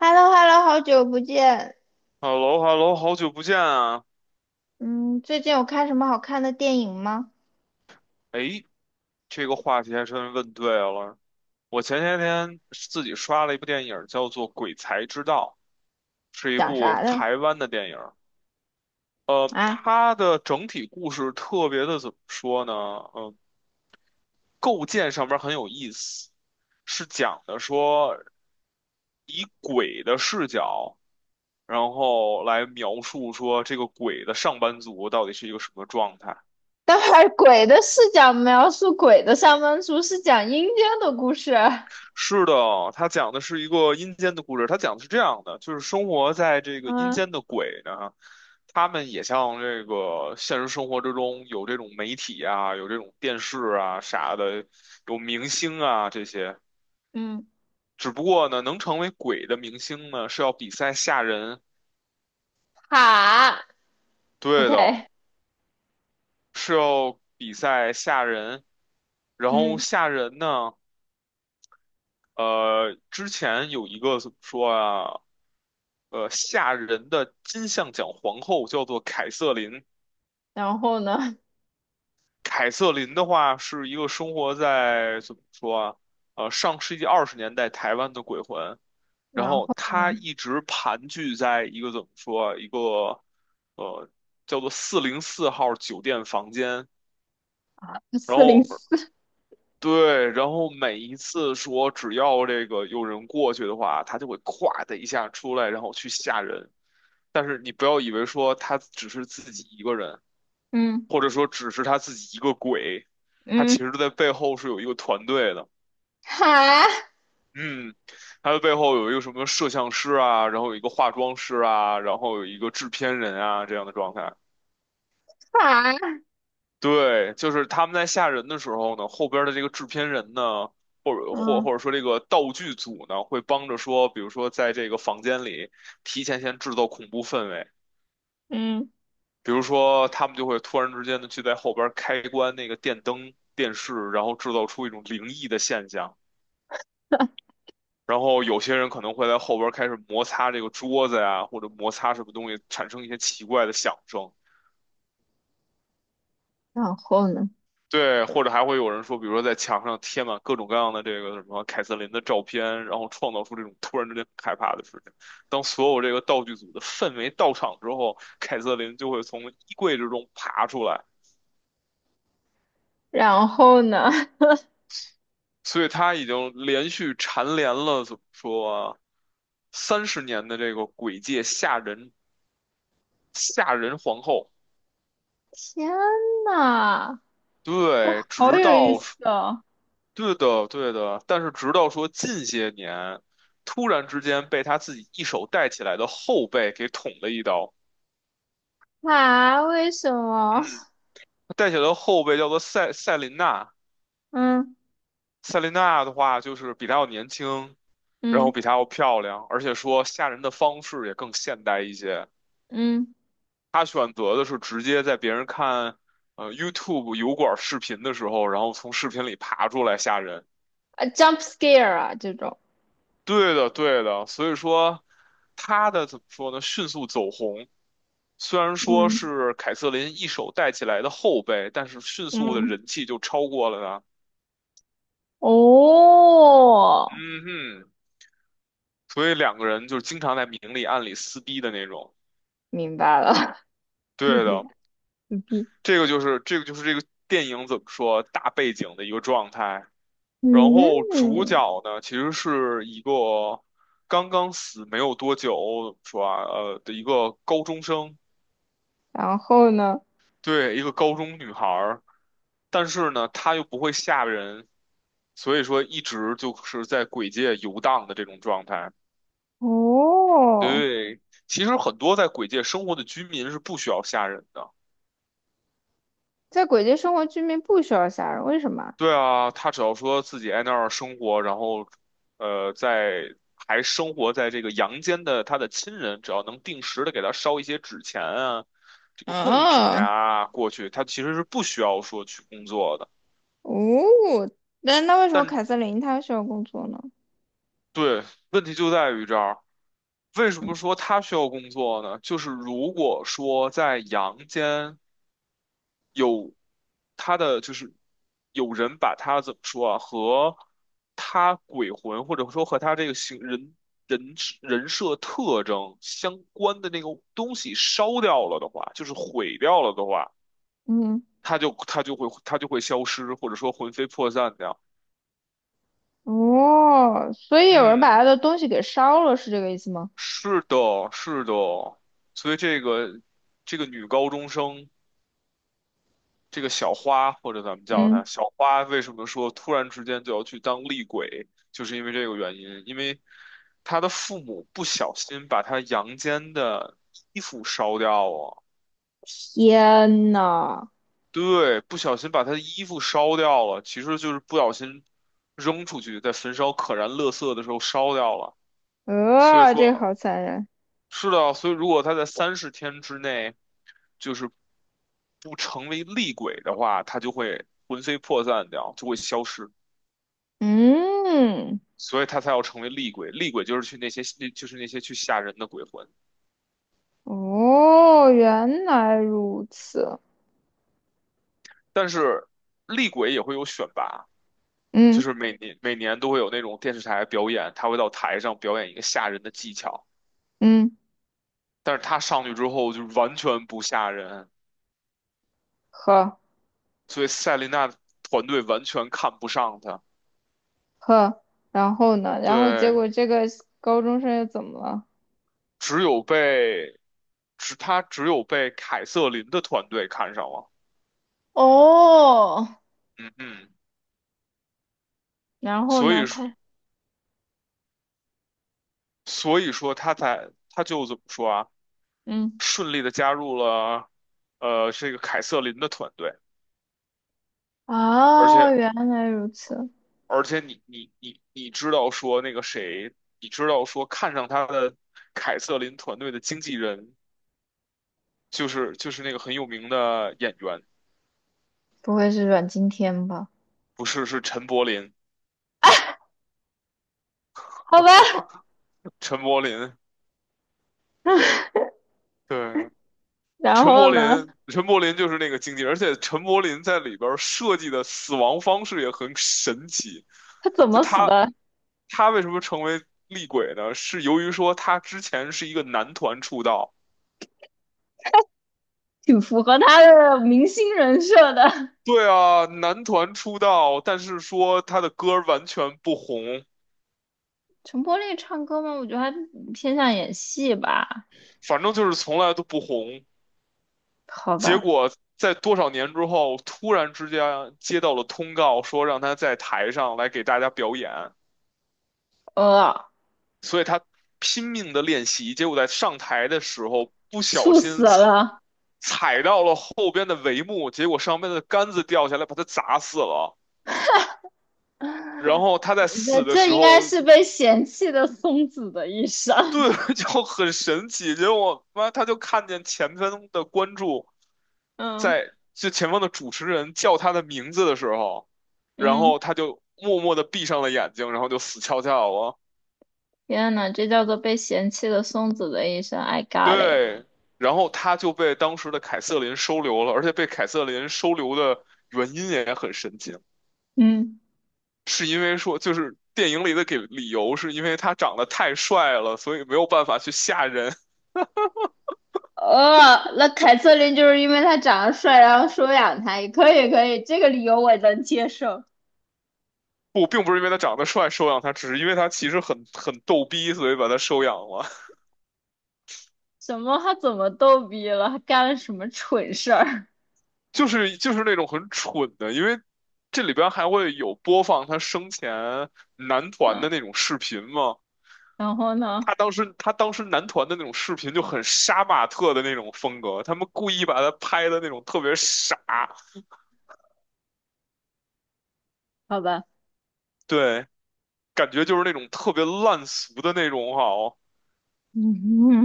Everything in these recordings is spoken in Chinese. h e l l o h e l l o 好久不见。h e l l o h e l l o 好久不见啊！嗯，最近有看什么好看的电影吗？哎，这个话题还真问对了。我前些天自己刷了一部电影，叫做《鬼才之道》，是一讲部啥的台湾的电影。啊？它的整体故事特别的怎么说呢？嗯、构建上面很有意思，是讲的说以鬼的视角，然后来描述说这个鬼的上班族到底是一个什么状态。待会儿 鬼的视角描述鬼的上班族，是讲阴间的故事。是的，他讲的是一个阴间的故事。他讲的是这样的，就是生活在这个阴嗯间的鬼呢，他们也像这个现实生活之中有这种媒体啊，有这种电视啊啥的，有明星啊这些。嗯，只不过呢，能成为鬼的明星呢，是要比赛吓人。好对，OK，的，是要比赛吓人。然后嗯，吓人呢。之前有一个怎么说啊？吓人的金像奖皇后叫做凯瑟琳。然后呢？凯瑟琳的话是一个生活在怎么说啊？上世纪二十年代台湾的鬼魂，然然后后呢？她一直盘踞在一个怎么说啊一个呃叫做四零四号酒店房间，然四零后。四，对，然后每一次说只要这个有人过去的话，他就会咵的一下出来，然后去吓人。但是你不要以为说他只是自己一个人，嗯或者说只是他自己一个鬼，他其嗯，实在背后是有一个团队的。好嗯，他的背后有一个什么摄像师啊，然后有一个化妆师啊，然后有一个制片人啊这样的状态。好，对，就是他们在吓人的时候呢，后边儿的这个制片人呢，或者或嗯或者说这个道具组呢，会帮着说，比如说在这个房间里提前先制造恐怖氛围，嗯，比如说他们就会突然之间的去在后边儿开关那个电灯、电视，然后制造出一种灵异的现象，然后有些人可能会在后边儿开始摩擦这个桌子呀，或者摩擦什么东西，产生一些奇怪的响声。然后呢？对，或者还会有人说，比如说在墙上贴满各种各样的这个什么凯瑟琳的照片，然后创造出这种突然之间很害怕的事情。当所有这个道具组的氛围到场之后，凯瑟琳就会从衣柜之中爬出来，然后呢？所以她已经连续蝉联了怎么说三十年的这个鬼界吓人皇后。天呐，这对，好直有意到思哦！对的，对的，但是直到说近些年，突然之间被他自己一手带起来的后辈给捅了一刀。啊，为什嗯，么？他带起来的后辈叫做赛琳娜，嗯赛琳娜的话就是比他要年轻，然后嗯比他要漂亮，而且说吓人的方式也更现代一些。嗯，他选择的是直接在别人看YouTube 油管视频的时候，然后从视频里爬出来吓人。啊，jump scare 啊，这种，对的，对的，所以说他的怎么说呢？迅速走红，虽然说嗯是凯瑟琳一手带起来的后辈，但是迅速的嗯，人气就超过了他。哦，嗯哼，所以两个人就是经常在明里暗里撕逼的那种。明白了，牛对逼的，牛逼，这个就是这个电影怎么说大背景的一个状态。然后主嗯，角呢，其实是一个刚刚死没有多久，的一个高中生。然后呢？对，一个高中女孩儿，但是呢，她又不会吓人，所以说一直就是在鬼界游荡的这种状态。哦，对，其实很多在鬼界生活的居民是不需要吓人的。在鬼街生活，居民不需要杀人，为什么啊？对啊，他只要说自己在那儿生活，然后，在还生活在这个阳间的他的亲人，只要能定时的给他烧一些纸钱啊，这个贡品啊呀过去，他其实是不需要说去工作的。哦，那那为什么但凯瑟琳她需要工作呢？对，问题就在于这儿。为什嗯，么说他需要工作呢？就是如果说在阳间有他的，就是有人把他怎么说啊，和他鬼魂或者说和他这个形人人人设特征相关的那个东西烧掉了的话，就是毁掉了的话，嗯他就会消失，或者说魂飞魄散掉。哦，所以有人把嗯，她的东西给烧了，是这个意思吗？是的，是的，所以这个女高中生。这个小花，或者咱们叫嗯。它小花，为什么说突然之间就要去当厉鬼，就是因为这个原因，因为他的父母不小心把他阳间的衣服烧掉了，天呐，对，不小心把他的衣服烧掉了，其实就是不小心扔出去，在焚烧可燃垃圾的时候烧掉了，所以这个好说残忍。是的，所以如果他在三十天之内就是不成为厉鬼的话，他就会魂飞魄散掉，就会消失。嗯，所以他才要成为厉鬼。厉鬼就是去那些，就是那些去吓人的鬼魂。哦，原来如此。但是厉鬼也会有选拔，就嗯是每年每年都会有那种电视台表演，他会到台上表演一个吓人的技巧。嗯，但是他上去之后就完全不吓人，呵所以赛琳娜团队完全看不上他。呵，然后呢？然后结对，果这个高中生又怎么了？只有被，只有被凯瑟琳的团队看上了。哦，嗯嗯，然后所呢？以说他所以说他就怎么说啊？嗯，顺利的加入了这个凯瑟琳的团队，而啊，且原来如此，而且你知道说那个谁，你知道说看上他的凯瑟琳团队的经纪人就是那个很有名的演员，不会是阮经天吧？不是，是陈柏霖，好吧。陈柏霖，对。然陈柏后呢？霖，陈柏霖就是那个经纪人，而且陈柏霖在里边儿设计的死亡方式也很神奇。他怎就么他死的？他为什么成为厉鬼呢？是由于说他之前是一个男团出道，挺符合他的明星人设的。对啊，男团出道，但是说他的歌儿完全不红，陈柏霖唱歌吗？我觉得他偏向演戏吧。反正就是从来都不红。好结吧，果在多少年之后，突然之间接到了通告，说让他在台上来给大家表演，呃，所以他拼命的练习，结果在上台的时候不小猝死心踩了。踩到了后边的帷幕，结果上面的杆子掉下来，把他砸死了。然后他在这死的这时应该候，是被嫌弃的松子的一生。对，就很神奇，结果妈他就看见前方的观众 嗯在就前方的主持人叫他的名字的时候，然嗯，后他就默默的闭上了眼睛，然后就死翘翘了。天呐，这叫做被嫌弃的松子的一生。I got it。对，然后他就被当时的凯瑟琳收留了，而且被凯瑟琳收留的原因也很神奇，嗯，是因为说就是电影里的给理由是因为他长得太帅了，所以没有办法去吓人。那凯瑟琳就是因为他长得帅，然后收养他，也可以可以，这个理由我能接受。不，并不是因为他长得帅收养他，只是因为他其实很逗逼，所以把他收养了。什么？他怎么逗逼了？他干了什么蠢事儿？就是那种很蠢的，因为这里边还会有播放他生前男 团嗯，的那种视频嘛。然后呢？他当时男团的那种视频就很杀马特的那种风格，他们故意把他拍的那种特别傻，好吧。对，感觉就是那种特别烂俗的那种哈哦。嗯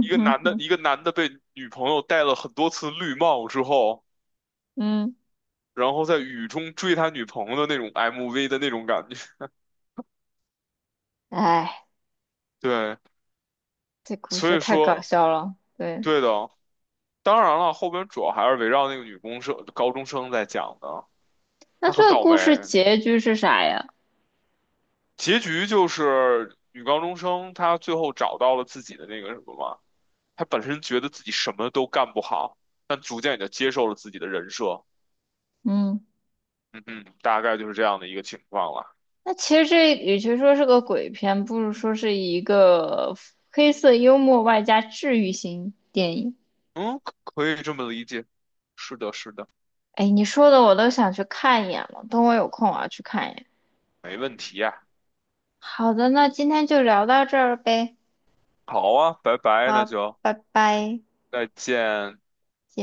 哼哼，一个男的被女朋友戴了很多次绿帽之后。嗯，然后在雨中追他女朋友的那种 MV 的那种感觉。哎，对，这故所事以太搞说，笑了。对，对的。当然了，后边主要还是围绕那个女公生、高中生在讲的。那她很这个倒故霉，事结局是啥呀？结局就是女高中生她最后找到了自己的那个什么嘛。她本身觉得自己什么都干不好，但逐渐也就接受了自己的人设。嗯，嗯嗯，大概就是这样的一个情况了。那其实这与其说是个鬼片，不如说是一个黑色幽默外加治愈型电影。嗯，可以这么理解。是的，是的，哎，你说的我都想去看一眼了，等我有空我要去看一眼。没问题呀。好的，那今天就聊到这儿呗。好啊，拜拜，那好，就拜拜。再见。